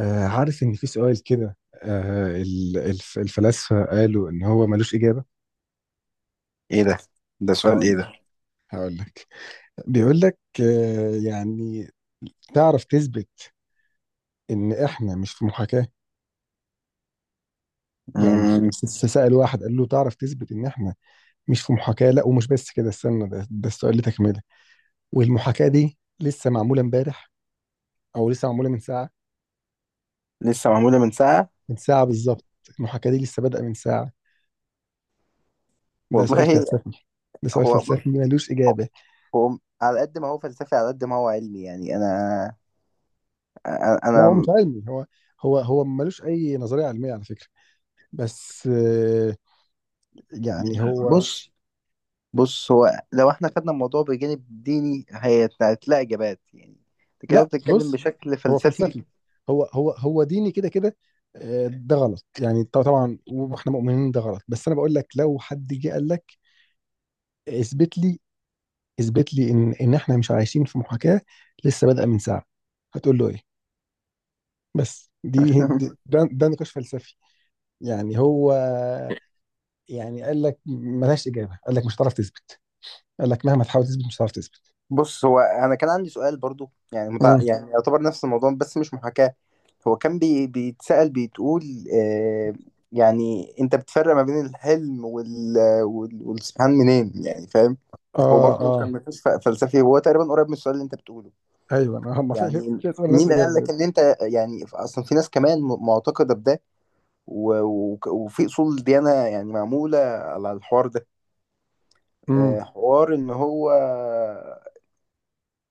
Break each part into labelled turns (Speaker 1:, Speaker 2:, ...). Speaker 1: عارف ان في سؤال كده. الفلاسفه قالوا ان هو ملوش اجابه.
Speaker 2: ايه ده سؤال
Speaker 1: هقول
Speaker 2: ايه ده؟
Speaker 1: هقول لك. بيقول لك يعني تعرف تثبت ان احنا مش في محاكاه. يعني
Speaker 2: مم.
Speaker 1: سأل واحد قال له: تعرف تثبت ان احنا مش في محاكاه؟ لا، ومش بس كده، استنى. ده السؤال اللي تكمله. والمحاكاه دي لسه معموله امبارح، او لسه معموله من ساعه.
Speaker 2: لسه معمولة من ساعة.
Speaker 1: من ساعه بالظبط. المحاكاه دي لسه بادئه من ساعه. ده سؤال
Speaker 2: والله،
Speaker 1: فلسفي. ده سؤال
Speaker 2: هو
Speaker 1: فلسفي ملوش اجابه.
Speaker 2: هو على قد ما هو فلسفي على قد ما هو علمي. يعني انا انا
Speaker 1: لا، هو
Speaker 2: أنا-
Speaker 1: مش علمي. هو ملوش اي نظريه علميه على فكره. بس، يعني هو.
Speaker 2: بص بص هو لو احنا خدنا الموضوع بجانب ديني هتلاقي اجابات، يعني انت كده
Speaker 1: لا،
Speaker 2: بتتكلم
Speaker 1: بص،
Speaker 2: بشكل
Speaker 1: هو
Speaker 2: فلسفي.
Speaker 1: فلسفي، هو ديني كده كده. ده غلط يعني، طبعا واحنا مؤمنين ده غلط، بس انا بقول لك لو حد جه قال لك: اثبت لي، اثبت لي ان احنا مش عايشين في محاكاه لسه بادئه من ساعه، هتقول له ايه؟ بس ده نقاش فلسفي. يعني هو، يعني قال لك ملهاش اجابه، قال لك مش هتعرف تثبت، قال لك مهما تحاول تثبت مش هتعرف تثبت.
Speaker 2: بص، هو انا كان عندي سؤال برضو، يعني
Speaker 1: مم.
Speaker 2: يعني يعتبر نفس الموضوع بس مش محاكاة. هو كان بيتسأل، بتقول آه، يعني انت بتفرق ما بين الحلم والسبحان منين، يعني فاهم؟ هو
Speaker 1: اه،
Speaker 2: برضو
Speaker 1: اه،
Speaker 2: كان نقاش فلسفي، هو تقريبا قريب من السؤال اللي انت بتقوله.
Speaker 1: ايوه، انا هم
Speaker 2: يعني،
Speaker 1: في اسئله ملهاش
Speaker 2: مين
Speaker 1: اجابه
Speaker 2: قال لك
Speaker 1: بجد.
Speaker 2: ان انت، يعني اصلا في ناس كمان معتقده بده وفي اصول ديانه، يعني معموله على الحوار ده.
Speaker 1: امم.
Speaker 2: حوار ان هو،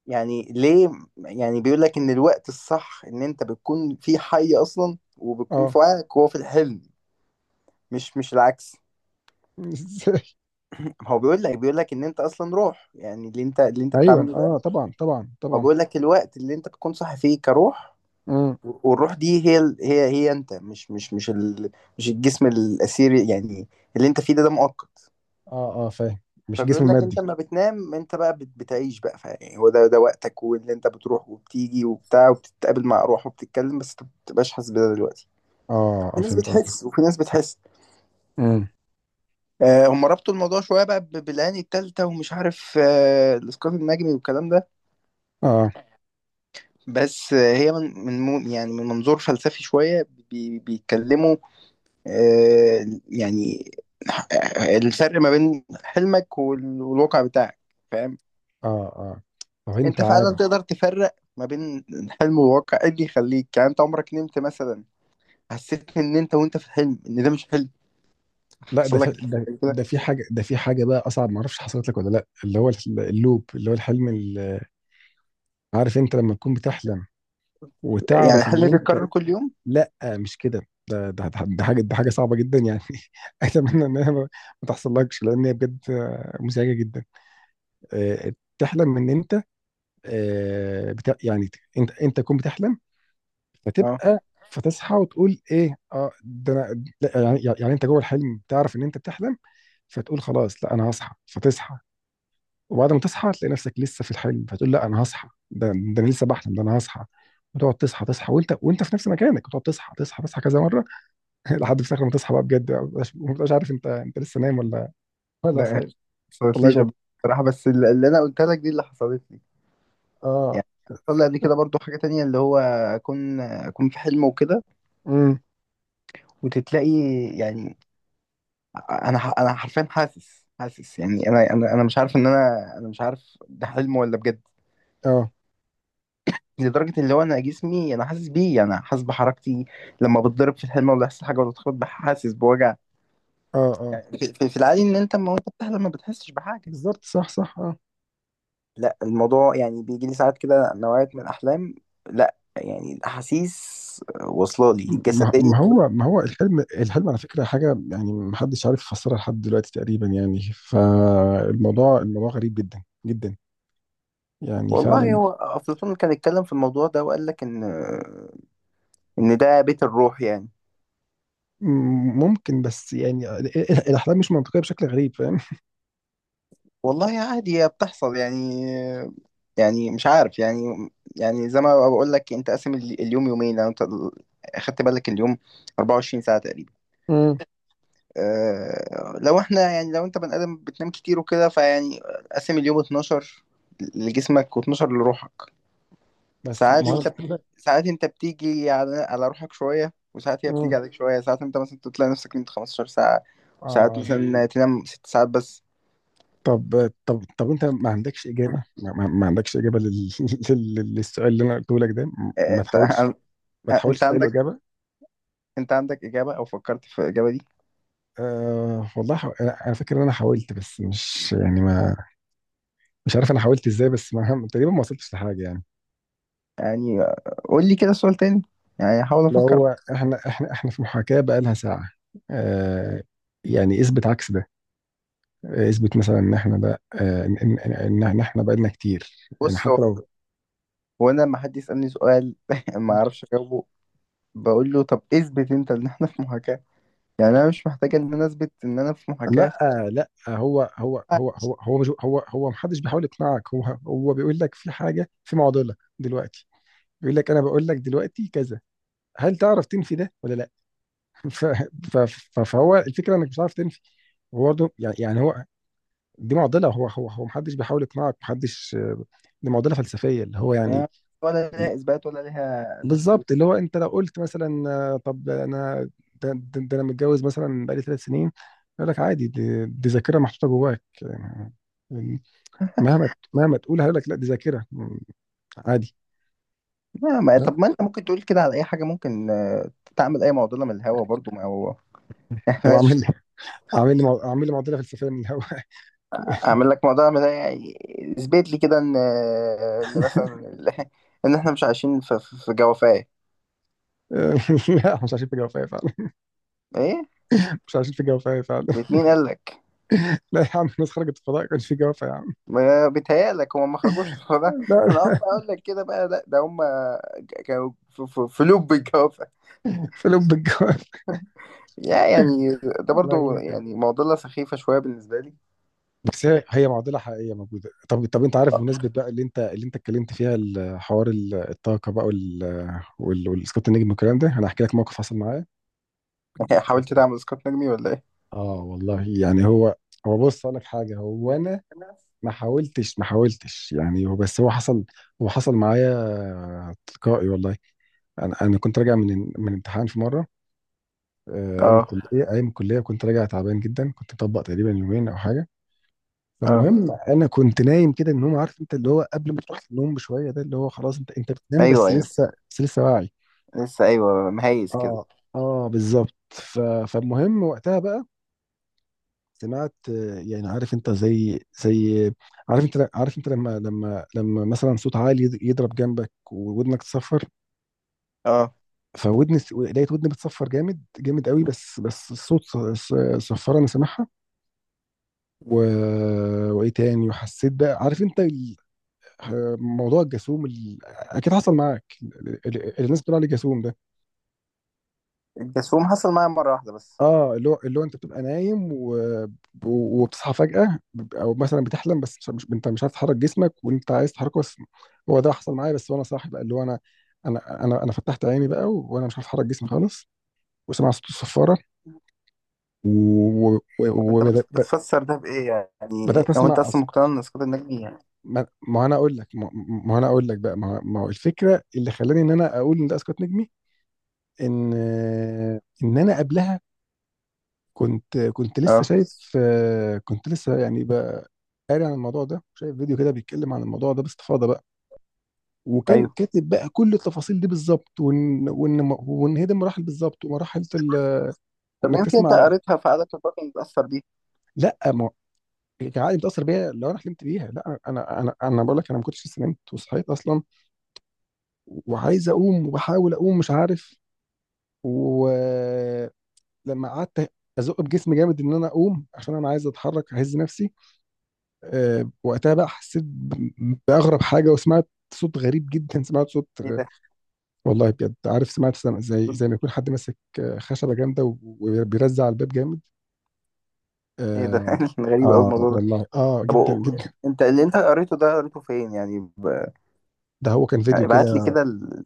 Speaker 2: يعني ليه، يعني بيقول لك ان الوقت الصح ان انت بتكون في حي اصلا وبتكون
Speaker 1: اه.
Speaker 2: في وعيك وهو في الحلم، مش العكس.
Speaker 1: ازاي؟
Speaker 2: هو بيقول لك، بيقول لك ان انت اصلا روح، يعني اللي انت
Speaker 1: ايوه،
Speaker 2: بتعمله
Speaker 1: اه،
Speaker 2: ده.
Speaker 1: طبعا طبعا
Speaker 2: هو
Speaker 1: طبعا.
Speaker 2: بيقول لك الوقت اللي انت بتكون صاحي فيه كروح،
Speaker 1: امم.
Speaker 2: والروح دي هي ال- هي هي انت، مش الجسم الاثيري، يعني اللي انت فيه ده ده مؤقت.
Speaker 1: اه، اه، فاهم. مش جسم
Speaker 2: فبيقول لك انت
Speaker 1: مادي.
Speaker 2: لما بتنام انت بقى بتعيش بقى، فيعني هو ده ده وقتك، واللي انت بتروح وبتيجي وبتاع وبتتقابل مع ارواح وبتتكلم، بس انت ما بتبقاش حاسس بده دلوقتي.
Speaker 1: اه،
Speaker 2: في
Speaker 1: اه،
Speaker 2: ناس
Speaker 1: فهمت قصدك.
Speaker 2: بتحس وفي ناس بتحس.
Speaker 1: امم.
Speaker 2: آه، هم ربطوا الموضوع شويه بقى بالعين التالتة ومش عارف، الاسقاط النجمي والكلام ده.
Speaker 1: اه،
Speaker 2: بس هي يعني من منظور فلسفي شويه بيتكلموا. يعني الفرق ما بين حلمك والواقع بتاعك، فاهم؟
Speaker 1: اه، اه. طب انت
Speaker 2: انت فعلا
Speaker 1: عارف؟
Speaker 2: تقدر تفرق ما بين الحلم والواقع؟ ايه اللي يخليك، يعني انت عمرك نمت مثلا، حسيت ان انت وانت في الحلم ان ده مش حلم؟
Speaker 1: لا،
Speaker 2: حصل لك؟
Speaker 1: ده في حاجه بقى اصعب، ما اعرفش حصلت لك ولا لا، اللي هو اللوب، اللي هو الحلم عارف انت لما تكون بتحلم
Speaker 2: يعني
Speaker 1: وتعرف ان
Speaker 2: الحلم
Speaker 1: انت...
Speaker 2: بيتكرر كل يوم؟
Speaker 1: لا، مش كده. ده حاجه صعبه جدا يعني. اتمنى انها ما تحصلكش، لان هي بجد مزعجه جدا. آه، تحلم ان انت... يعني، انت تكون بتحلم،
Speaker 2: اه.
Speaker 1: فتبقى، فتصحى وتقول: ايه، اه، ده انا. لا، يعني انت جوه الحلم تعرف ان انت بتحلم، فتقول: خلاص، لا، انا هصحى، فتصحى. وبعد ما تصحى تلاقي نفسك لسه في الحلم، فتقول: لا، انا هصحى، ده انا لسه بحلم، ده انا هصحى. وتقعد تصحى تصحى، وانت في نفس مكانك، وتقعد تصحى تصحى تصحى كذا مره. لحد في الاخر ما تصحى بقى بجد بقى، ما بتبقاش عارف، انت لسه نايم ولا، ولا
Speaker 2: لا يعني، ما
Speaker 1: صايم. والله
Speaker 2: حصلتليش
Speaker 1: بجد.
Speaker 2: قبل كده بصراحة. بس اللي أنا قلت لك دي اللي حصلت لي.
Speaker 1: اه.
Speaker 2: يعني حصل لي قبل كده برضو حاجة تانية، اللي هو أكون في حلم وكده
Speaker 1: امم.
Speaker 2: وتتلاقي. يعني أنا أنا حرفيا حاسس، يعني أنا مش عارف إن أنا مش عارف ده حلم ولا بجد،
Speaker 1: اه،
Speaker 2: لدرجة اللي هو أنا جسمي أنا حاسس بيه. يعني أنا حاسس بحركتي لما بتضرب في الحلم ولا يحصل حاجة ولا تخبط، حاسس بوجع.
Speaker 1: اه. اه
Speaker 2: يعني في العادي إن أنت لما أنت بتحلم ما بتحسش بحاجة.
Speaker 1: بالظبط، صح صح، اه.
Speaker 2: لا، الموضوع يعني بيجي لي ساعات كده نوعية من الأحلام. لا يعني، الأحاسيس واصلة لي الجسدية.
Speaker 1: ما هو الحلم. الحلم على فكره حاجه يعني، ما حدش عارف يفسرها لحد دلوقتي تقريبا يعني، فالموضوع، الموضوع غريب جدا جدا، يعني
Speaker 2: والله
Speaker 1: فعلا.
Speaker 2: هو أفلاطون كان اتكلم في الموضوع ده وقال لك إن إن ده بيت الروح يعني.
Speaker 1: مم، ممكن، بس يعني الاحلام مش منطقيه بشكل غريب، فاهم؟
Speaker 2: والله عادي هي بتحصل يعني، يعني مش عارف يعني، يعني زي ما بقول لك، أنت قاسم اليوم يومين. لو أنت أخدت بالك، اليوم 24 ساعة تقريبا.
Speaker 1: مم.
Speaker 2: أه لو احنا، يعني لو انت بني ادم بتنام كتير وكده، فيعني قسم اليوم 12 لجسمك و12 لروحك.
Speaker 1: بس
Speaker 2: ساعات
Speaker 1: ما هو
Speaker 2: انت
Speaker 1: المفروض
Speaker 2: ساعات انت بتيجي على على روحك شويه وساعات هي بتيجي
Speaker 1: مم.
Speaker 2: عليك شويه. ساعات انت مثلا تلاقي نفسك نمت 15 ساعه، وساعات
Speaker 1: اه.
Speaker 2: مثلا تنام ست ساعات بس.
Speaker 1: طب، انت ما عندكش اجابه؟ ما عندكش اجابه للسؤال اللي انا قلته لك ده؟
Speaker 2: اه،
Speaker 1: ما
Speaker 2: انت
Speaker 1: تحاولش، ما
Speaker 2: انت
Speaker 1: تحاولش تلاقي له
Speaker 2: عندك
Speaker 1: اجابه.
Speaker 2: انت عندك اجابه او فكرت في الاجابه دي؟
Speaker 1: أه والله، حو... انا أنا فاكر ان انا حاولت بس مش يعني ما، مش عارف انا حاولت ازاي، بس ما... تقريبا ما وصلتش لحاجه يعني.
Speaker 2: يعني قول لي كده سؤال تاني، يعني احاول
Speaker 1: اللي
Speaker 2: افكر.
Speaker 1: هو احنا، احنا في محاكاه بقى لها ساعه. أه، يعني اثبت عكس ده. اثبت مثلا ان احنا ده، ان إن احنا بقالنا كتير. يعني
Speaker 2: بص، هو
Speaker 1: حتى لو...
Speaker 2: هو انا لما حد يسالني سؤال ما اعرفش اجاوبه، بقول له طب اثبت انت ان احنا في محاكاه. يعني انا مش محتاج ان انا اثبت ان انا في محاكاه.
Speaker 1: لا، لا، هو مش، هو محدش بيحاول يقنعك، هو. هو بيقول لك في حاجه، في معضله دلوقتي. بيقول لك: انا بقول لك دلوقتي كذا، هل تعرف تنفي ده ولا لا؟ ف- ف- فهو الفكره انك مش عارف تنفي. هو برضه، يعني هو، دي معضله. هو محدش بيحاول يقنعك، محدش. دي معضله فلسفيه، اللي هو يعني.
Speaker 2: يعني ولا ليها اثبات ولا ليها تفسير.
Speaker 1: بالظبط، اللي هو انت لو قلت مثلا طب انا، ده انا متجوز مثلا بقالي 3 سنين، يقول لك: عادي، دي ذاكره محطوطه جواك. يعني مهما تقول هيقول لك: لا، دي ذاكره، عادي.
Speaker 2: لا، ما
Speaker 1: لا،
Speaker 2: طب ما انت ممكن تقول كده على اي حاجه. ممكن تعمل اي معضله من الهوا برضو، ما هو.
Speaker 1: طب
Speaker 2: احنا مش-
Speaker 1: اعمل لي معضله فلسفيه من الهواء.
Speaker 2: اعمل لك معضله من الهوا يعني. اثبت لي كده ان مثلا ان احنا مش عايشين في جوافه.
Speaker 1: لا، مش عايشين في جوافه فعلا.
Speaker 2: ايه؟
Speaker 1: مش عايشين في جوافه فعلا.
Speaker 2: بيت مين قال لك؟
Speaker 1: لا يا عم، الناس خرجت الفضاء، كانش في جوافه يا عم.
Speaker 2: ما بيتهيألك هم ما خرجوش من ده.
Speaker 1: لا،
Speaker 2: ما انا
Speaker 1: لا.
Speaker 2: أقف اقول لك كده بقى، لا ده هم كانوا في لوب الجوافه،
Speaker 1: في لب الجوافه.
Speaker 2: يا يعني. ده
Speaker 1: والله
Speaker 2: برضو
Speaker 1: ممكن.
Speaker 2: يعني معضله سخيفه شويه بالنسبه لي.
Speaker 1: بس هي معضله حقيقيه موجوده. طب، طب انت عارف، بمناسبه بقى اللي انت اتكلمت فيها حوار الطاقه بقى، والسكوت النجم والكلام ده، انا هحكي لك موقف حصل معايا.
Speaker 2: حاولت تعمل اسقاط نجمي ولا ايه؟
Speaker 1: اه والله، يعني هو، هو بص، اقول لك حاجه. هو انا ما حاولتش يعني، هو بس هو حصل، هو حصل معايا تلقائي والله. انا كنت راجع من امتحان في مره، آه، ايام
Speaker 2: اه
Speaker 1: الكليه، كنت راجع تعبان جدا، كنت مطبق تقريبا يومين او حاجه.
Speaker 2: اه.
Speaker 1: فالمهم، انا كنت نايم كده، ان هم، عارف انت اللي هو قبل ما تروح النوم بشويه، ده اللي هو خلاص، انت بتنام،
Speaker 2: ايوه ايوه،
Speaker 1: بس لسه واعي.
Speaker 2: لسه، ايوه، مهيز كده.
Speaker 1: اه، اه، بالظبط. فالمهم وقتها بقى سمعت يعني عارف انت، زي، عارف انت لما مثلا صوت عالي يضرب جنبك وودنك تصفر،
Speaker 2: اه.
Speaker 1: فودني لقيت ودني بتصفر جامد جامد قوي، بس الصوت صفر، انا سامعها. و... وايه تاني، وحسيت بقى، عارف انت موضوع الجاسوم، اكيد حصل معاك، اللي الناس بتقول عليه جاسوم ده.
Speaker 2: الجاسوم حصل معايا مرة واحدة بس.
Speaker 1: اه، اللي هو انت بتبقى نايم وبتصحى فجأة، او مثلا بتحلم بس مش... مش... انت مش عارف تحرك جسمك وانت عايز تحركه، بس هو ده حصل معايا، بس وانا صاحي بقى، اللي هو انا، انا فتحت عيني بقى وانا مش عارف احرك جسمي خالص، وسمع صوت الصفارة، وبدأت و...
Speaker 2: طب
Speaker 1: و...
Speaker 2: انت
Speaker 1: وبدأت- ب-
Speaker 2: بتفسر ده بإيه؟ يعني
Speaker 1: بدأت
Speaker 2: هو انت
Speaker 1: اسمع
Speaker 2: اصلا مقتنع ان اسقاط النجم يعني؟
Speaker 1: ما انا اقول لك ما انا اقول لك بقى، ما هو الفكرة اللي خلاني ان انا اقول ان ده اسقاط نجمي، ان انا قبلها كنت لسه
Speaker 2: اه
Speaker 1: شايف، كنت لسه يعني قاري عن الموضوع ده، شايف فيديو كده بيتكلم عن الموضوع ده باستفاضه بقى، وكان
Speaker 2: ايوه.
Speaker 1: كاتب بقى كل التفاصيل دي بالظبط، وان وان هي دي المراحل بالظبط، ومراحل
Speaker 2: طب
Speaker 1: انك
Speaker 2: يمكن انت
Speaker 1: تسمع.
Speaker 2: قريتها في عادات الباطن متأثر بيه؟
Speaker 1: لا، ما هو العقل متاثر بيها لو انا حلمت بيها. لا، انا بقول لك: انا ما كنتش لسه نمت وصحيت اصلا، وعايز اقوم وبحاول اقوم، مش عارف. ولما قعدت ازق بجسمي جامد ان انا اقوم، عشان انا عايز اتحرك اهز نفسي، أه وقتها بقى حسيت باغرب حاجه، وسمعت صوت غريب جدا، سمعت صوت.
Speaker 2: ايه ده؟
Speaker 1: والله بجد، عارف، سمعت زي ما يكون حد ماسك خشبه جامده وبيرزع على الباب جامد.
Speaker 2: ايه ده؟
Speaker 1: اه.
Speaker 2: غريب قوي
Speaker 1: آه
Speaker 2: الموضوع ده.
Speaker 1: والله، اه
Speaker 2: طب
Speaker 1: جدا جدا.
Speaker 2: انت اللي انت قريته ده قريته فين؟ يعني
Speaker 1: ده هو كان
Speaker 2: يعني
Speaker 1: فيديو
Speaker 2: ابعت لي
Speaker 1: كده،
Speaker 2: كده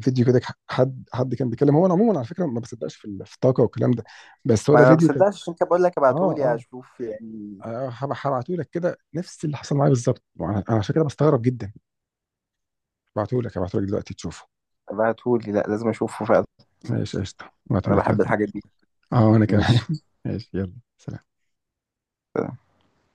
Speaker 1: فيديو كده، حد كان بيتكلم. هو انا عموما على فكره ما بصدقش في في الطاقه والكلام ده، بس هو
Speaker 2: ما
Speaker 1: ده
Speaker 2: انا ما
Speaker 1: فيديو كان.
Speaker 2: بصدقش، عشان كده بقول لك
Speaker 1: اه،
Speaker 2: ابعته لي
Speaker 1: اه.
Speaker 2: اشوف يعني.
Speaker 1: هبعته لك كده نفس اللي حصل معايا بالظبط، انا عشان كده بستغرب جدا. هبعته لك دلوقتي تشوفه.
Speaker 2: ابعته لي، لا لازم اشوفه فعلا.
Speaker 1: ماشي قشطه، هبعته
Speaker 2: انا
Speaker 1: لك،
Speaker 2: بحب
Speaker 1: يلا.
Speaker 2: الحاجات دي.
Speaker 1: اه وانا كمان.
Speaker 2: ماشي.
Speaker 1: ماشي، يلا سلام.